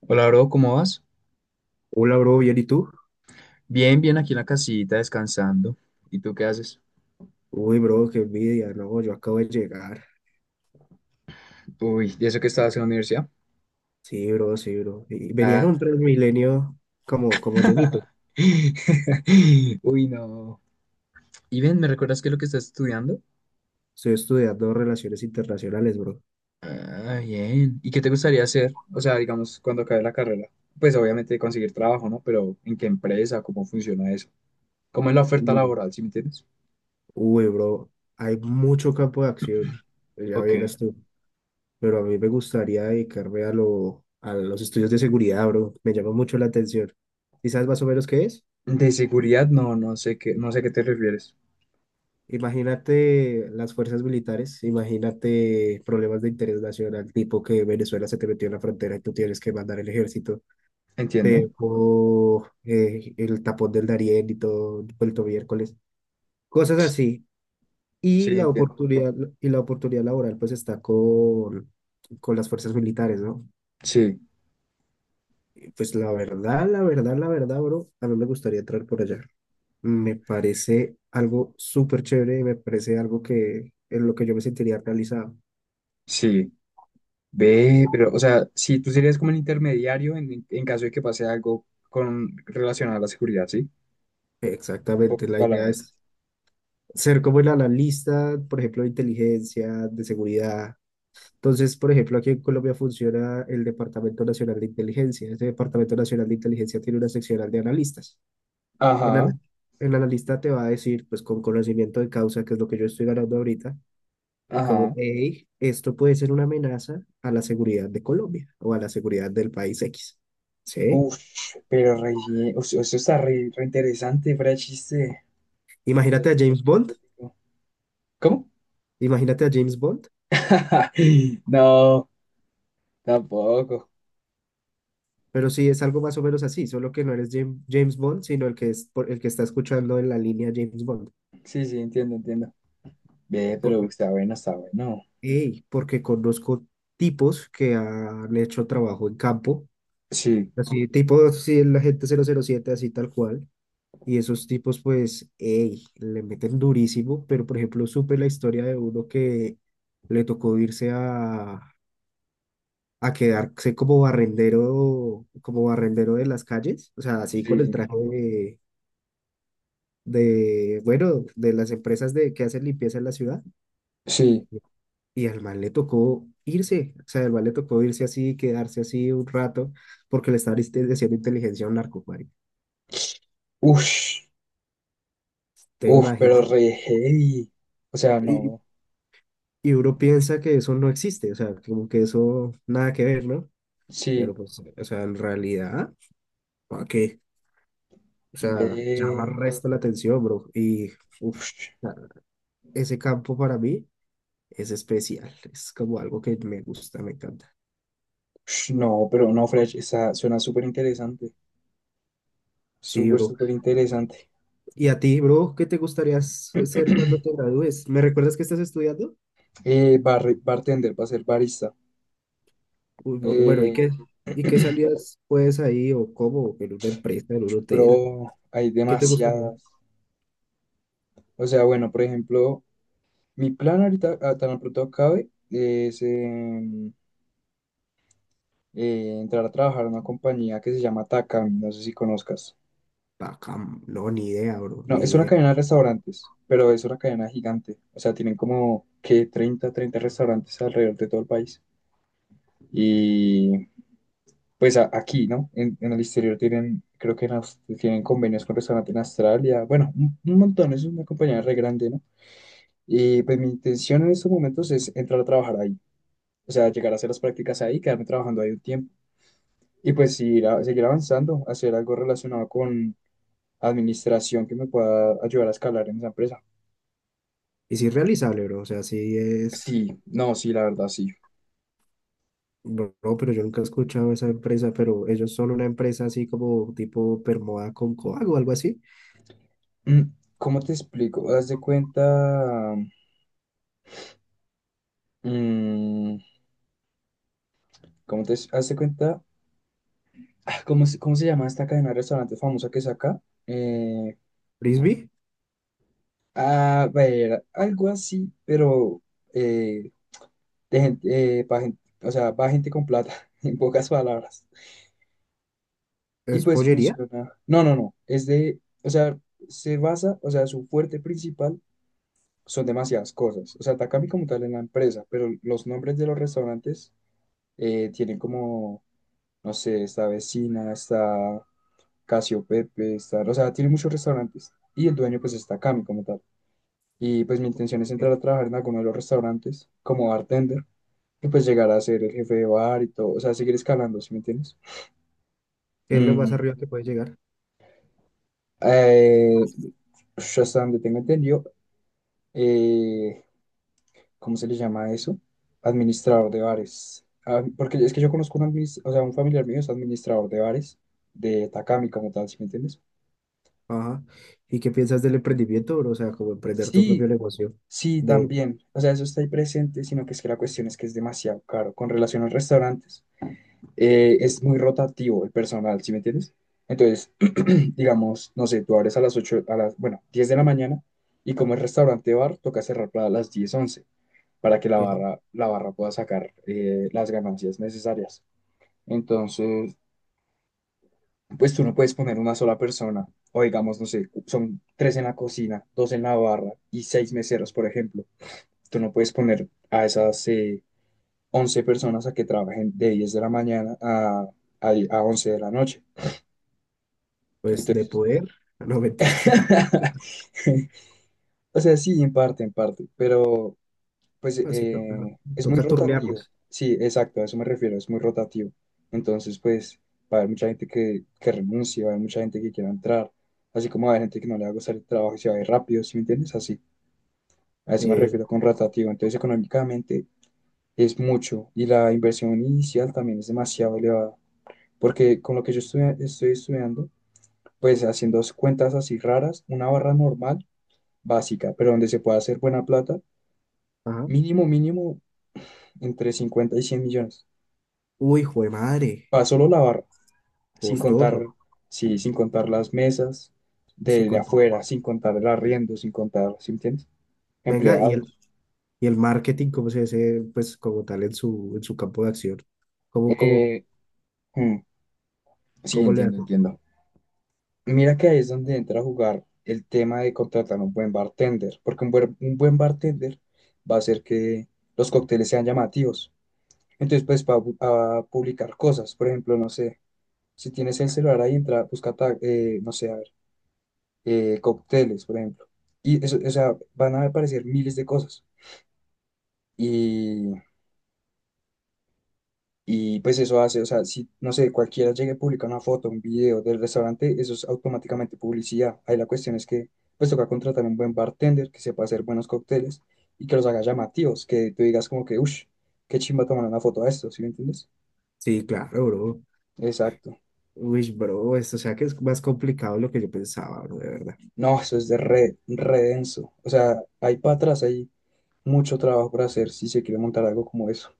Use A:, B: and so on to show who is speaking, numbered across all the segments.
A: Hola, bro, ¿cómo vas?
B: Hola, bro, ¿bien y tú?
A: Bien, bien, aquí en la casita descansando. ¿Y tú qué haces?
B: Uy, bro, qué envidia, no, yo acabo de llegar.
A: Uy, ¿y eso que estabas en la universidad?
B: Sí, bro, sí, bro. Y venía en un
A: Ah.
B: Transmilenio como llenito.
A: Uy, no. Y ven, ¿me recuerdas qué es lo que estás estudiando?
B: Estoy estudiando relaciones internacionales, bro.
A: Ah, bien. ¿Y qué te gustaría hacer? O sea, digamos, cuando acabe la carrera. Pues obviamente conseguir trabajo, ¿no? Pero ¿en qué empresa? ¿Cómo funciona eso? ¿Cómo es la oferta
B: Mm.
A: laboral, si me entiendes?
B: Uy, bro, hay mucho campo de acción, ya
A: Ok.
B: vieras tú. Pero a mí me gustaría dedicarme a los estudios de seguridad, bro. Me llama mucho la atención. ¿Y sabes más o menos qué es?
A: De seguridad, no, no sé qué te refieres.
B: Imagínate las fuerzas militares, imagínate problemas de interés nacional, tipo que Venezuela se te metió en la frontera y tú tienes que mandar el ejército, te
A: Entiendo.
B: dejó el tapón del Darién y todo vuelto miércoles, cosas así. Y
A: Sí,
B: la
A: entiendo.
B: oportunidad, y la oportunidad laboral pues está con las fuerzas militares, ¿no?
A: Sí,
B: Pues la verdad, la verdad, la verdad, bro, a mí me gustaría entrar por allá. Me parece algo súper chévere y me parece algo que en lo que yo me sentiría realizado.
A: sí. Ve, pero, o sea, si tú serías como el intermediario en caso de que pase algo con relacionado a la seguridad, ¿sí? En
B: Exactamente,
A: pocas
B: la idea
A: palabras.
B: es ser como el analista, por ejemplo, de inteligencia, de seguridad. Entonces, por ejemplo, aquí en Colombia funciona el Departamento Nacional de Inteligencia. Este Departamento Nacional de Inteligencia tiene una seccional de analistas. El, ana-
A: Ajá,
B: el analista te va a decir, pues con conocimiento de causa, que es lo que yo estoy ganando ahorita, como,
A: ajá.
B: hey, esto puede ser una amenaza a la seguridad de Colombia o a la seguridad del país X. ¿Sí?
A: Uf, pero re, bien, o sea, eso está re interesante, fuera de chiste. O sea,
B: Imagínate a
A: suena
B: James Bond.
A: re exótico. ¿Cómo?
B: Imagínate a James Bond.
A: No, tampoco.
B: Pero sí, es algo más o menos así, solo que no eres James Bond, sino el el que está escuchando en la línea James Bond.
A: Sí, sí, entiendo, entiendo. Ve, pero
B: Porque,
A: está bueno, está bueno.
B: ey, porque conozco tipos que han hecho trabajo en campo,
A: Sí,
B: así tipo sí, la gente cero cero siete, así tal cual. Y esos tipos, pues, ey, le meten durísimo. Pero, por ejemplo, supe la historia de uno que le tocó irse a quedarse como barrendero de las calles, o sea, así con el
A: sí,
B: traje de, bueno, de las empresas de, que hacen limpieza en la ciudad.
A: sí.
B: Y al man le tocó irse, o sea, al man le tocó irse así, quedarse así un rato, porque le estaba haciendo inteligencia a un narco, marica.
A: Uf,
B: Te
A: uf, pero re
B: imaginas.
A: heavy. O sea,
B: Y,
A: no.
B: y uno piensa que eso no existe, o sea, como que eso nada que ver, ¿no?
A: Sí,
B: Pero pues, o sea, en realidad, ¿para qué? O sea, llama
A: ve.
B: resto la atención, bro. Uff,
A: Ush,
B: ese campo para mí es especial, es como algo que me gusta, me encanta.
A: ush, no, pero no, Fresh, esa suena súper interesante.
B: Sí,
A: Súper,
B: bro.
A: súper interesante.
B: Y a ti, bro, ¿qué te gustaría ser cuando te gradúes? ¿Me recuerdas que estás estudiando?
A: Bartender, para ser barista.
B: Uy, bueno,
A: Eh,
B: ¿y qué salidas puedes ahí o cómo? ¿En una empresa, en un hotel?
A: pero hay
B: ¿Qué te gustaría?
A: demasiadas. O sea, bueno, por ejemplo, mi plan ahorita, tan pronto acabe, es entrar a trabajar en una compañía que se llama Takami, no sé si conozcas.
B: Bacán, no, ni idea, bro,
A: No,
B: ni
A: es una
B: idea.
A: cadena de restaurantes, pero es una cadena gigante. O sea, tienen como que treinta restaurantes alrededor de todo el país. Y pues, aquí, ¿no? En el exterior tienen, creo que en tienen convenios con restaurantes en Australia, bueno, un montón, es una compañía re grande, ¿no? Y pues mi intención en estos momentos es entrar a trabajar ahí, o sea, llegar a hacer las prácticas ahí, quedarme trabajando ahí un tiempo y pues ir seguir avanzando, hacer algo relacionado con administración que me pueda ayudar a escalar en esa empresa.
B: Y sí es realizable, bro, o sea, sí es...
A: Sí, no, sí, la verdad, sí.
B: Bro, pero yo nunca he escuchado esa empresa, pero ellos son una empresa así como tipo Permoda con Coag o algo así.
A: Mm, ¿Cómo te explico? Haz de cuenta, mm, ¿cómo te haz de cuenta? Ah, ¿ cómo se llama esta cadena de restaurantes famosa que es acá? Eh,
B: Frisbee,
A: a ver, algo así, pero eh, de gente, o sea, para gente con plata, en pocas palabras. Y
B: es
A: pues
B: pollería,
A: funciona. No, no, no. Es de, o sea, se basa, o sea, su fuerte principal son demasiadas cosas. O sea, Takami como tal en la empresa, pero los nombres de los restaurantes tienen como, no sé, esta vecina, esta. Casio Pepe, está, o sea, tiene muchos restaurantes y el dueño pues está Cami como tal. Y pues mi intención es
B: que
A: entrar a trabajar en alguno de los restaurantes como bartender y pues llegar a ser el jefe de bar y todo, o sea, seguir escalando, ¿sí me entiendes?
B: es lo más
A: Mm,
B: arriba que puede llegar.
A: eh, Ush, hasta donde tengo entendido, eh, ¿cómo se le llama eso? Administrador de bares. Ah, porque es que yo conozco o sea, un familiar mío es administrador de bares de Takami como tal, ¿sí me entiendes?
B: Ajá. ¿Y qué piensas del emprendimiento, bro? O sea, como emprender tu
A: Sí,
B: propio negocio
A: sí,
B: de,
A: también. O sea, eso está ahí presente, sino que es que la cuestión es que es demasiado caro. Con relación a los restaurantes, es muy rotativo el personal, ¿sí me entiendes? Entonces, digamos, no sé, tú abres a las, bueno, 10 de la mañana y como es restaurante bar, toca cerrar para las 10 11 para que la
B: eh,
A: barra, la barra pueda sacar las ganancias necesarias. Entonces, pues tú no puedes poner una sola persona, o digamos, no sé, son tres en la cocina, dos en la barra y seis meseros, por ejemplo. Tú no puedes poner a esas 11 personas a que trabajen de 10 de la mañana a 11 de la noche.
B: pues, de
A: Entonces,
B: poder. No, mentira.
A: o sea, sí, en parte, pero pues
B: Así toca,
A: es muy
B: toca
A: rotativo.
B: turnearnos.
A: Sí, exacto, a eso me refiero, es muy rotativo. Entonces, pues, va a haber mucha gente que renuncie, va a haber mucha gente que quiera entrar, así como va a haber gente que no le va a gustar el trabajo y se va a ir rápido, ¿sí me entiendes? Así, a eso me
B: Eh,
A: refiero con rotativo. Entonces, económicamente es mucho y la inversión inicial también es demasiado elevada. Porque con lo que yo estoy estudiando, pues haciendo cuentas así raras, una barra normal, básica, pero donde se puede hacer buena plata,
B: ajá.
A: mínimo, mínimo, entre 50 y 100 millones.
B: Uy, hijo de madre,
A: Para solo la barra, sin
B: costoso.
A: contar, sí, sin contar las mesas
B: Sí,
A: de
B: con-
A: afuera, sin contar el arriendo, sin contar, ¿sí me entiendes?
B: Venga,
A: Empleados.
B: y el marketing, ¿cómo se dice, pues, como tal en su campo de acción? ¿Cómo, cómo,
A: Eh, mm, sí,
B: ¿cómo le
A: entiendo,
B: haces?
A: entiendo. Mira que ahí es donde entra a jugar el tema de contratar un buen bartender, porque un buen bartender va a hacer que los cócteles sean llamativos. Entonces, pues, va a publicar cosas. Por ejemplo, no sé, si tienes el celular ahí, entra, busca, no sé, a ver, cócteles, por ejemplo. Y eso, o sea, van a aparecer miles de cosas. Y pues eso hace, o sea, si, no sé, cualquiera llegue y publica una foto, un video del restaurante, eso es automáticamente publicidad. Ahí la cuestión es que, pues toca contratar un buen bartender que sepa hacer buenos cócteles y que los haga llamativos, que tú digas como que, uff, qué chimba tomar una foto a esto, ¿sí me entiendes?
B: Sí, claro, bro.
A: Exacto.
B: Uy, bro, esto, o sea, que es más complicado de lo que yo pensaba, bro, de verdad.
A: No, eso es de re denso. O sea, hay para atrás, hay mucho trabajo por hacer si se quiere montar algo como eso.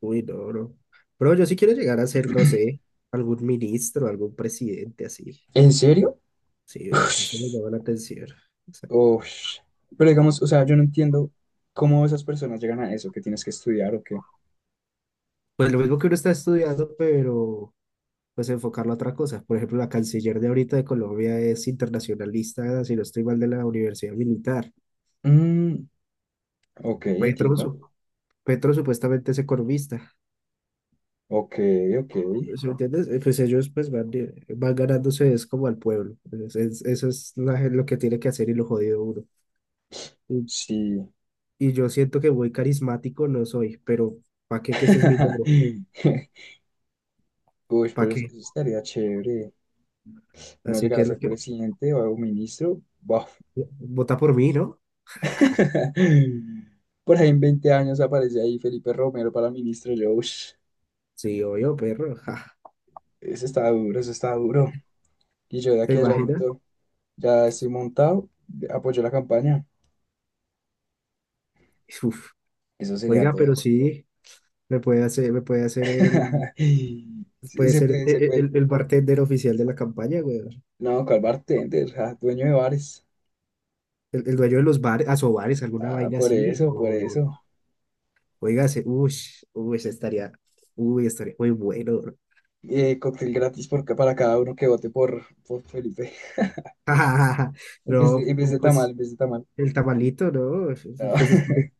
B: Uy, no, bro. Bro, yo sí quiero llegar a ser, no sé, algún ministro, algún presidente así.
A: ¿En serio?
B: Sí, bro, eso me
A: Ush,
B: llama la atención. O sea,
A: ush. Pero digamos, o sea, yo no entiendo cómo esas personas llegan a eso, que tienes que estudiar o qué.
B: pues lo mismo que uno está estudiando, pero pues enfocarlo a otra cosa. Por ejemplo, la canciller de ahorita de Colombia es internacionalista, si no estoy mal, de la Universidad Militar.
A: Mm, ok,
B: Petro,
A: entiendo.
B: su- Petro supuestamente es economista.
A: Ok, ok.
B: ¿Sí me entiendes? Pues ellos pues van, van ganándose es como al pueblo. Eso es lo que tiene que hacer y lo jodido uno.
A: Sí.
B: Y yo siento que muy carismático no soy, pero ¿para qué? Que ese es mi logro.
A: Uy,
B: ¿Para
A: pero eso
B: qué?
A: eso estaría chévere. Uno
B: Así
A: llegar a
B: que, lo
A: ser
B: que,
A: presidente o algún ministro. Buf.
B: vota por mí, ¿no?
A: Por ahí en 20 años aparece ahí Felipe Romero para ministro. Yo, ush,
B: Sí, obvio, perro. Ja,
A: eso está duro, eso está duro. Y yo de
B: ¿se
A: aquí a allá de
B: imagina?
A: pronto ya estoy montado, apoyo la campaña.
B: Uf.
A: Eso sería
B: Oiga, pero
A: todo.
B: sí, me puede hacer el,
A: Sí,
B: puede
A: se
B: ser
A: puede, se puede.
B: el bartender oficial de la campaña, güey.
A: No, ¿cuál bartender? Ah, dueño de bares.
B: El dueño de los bares, asobares, alguna
A: Ah,
B: vaina
A: por
B: así.
A: eso, por
B: No.
A: eso.
B: Oiga, se, uy, uy, se estaría, uy, estaría muy bueno.
A: Cóctel gratis para cada uno que vote por Felipe.
B: No,
A: En vez de tamal,
B: pues
A: en vez de tamal.
B: el tamalito, ¿no?
A: No.
B: Pues,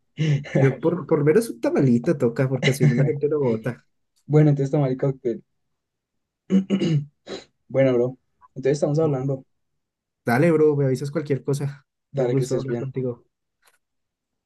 B: yo por lo menos un tamalito toca, porque si no la gente lo bota.
A: Bueno, entonces tamal y cóctel. Bueno, bro. Entonces estamos hablando.
B: Dale, bro, me avisas cualquier cosa. Un
A: Dale, que
B: gusto
A: estés
B: hablar
A: bien.
B: contigo.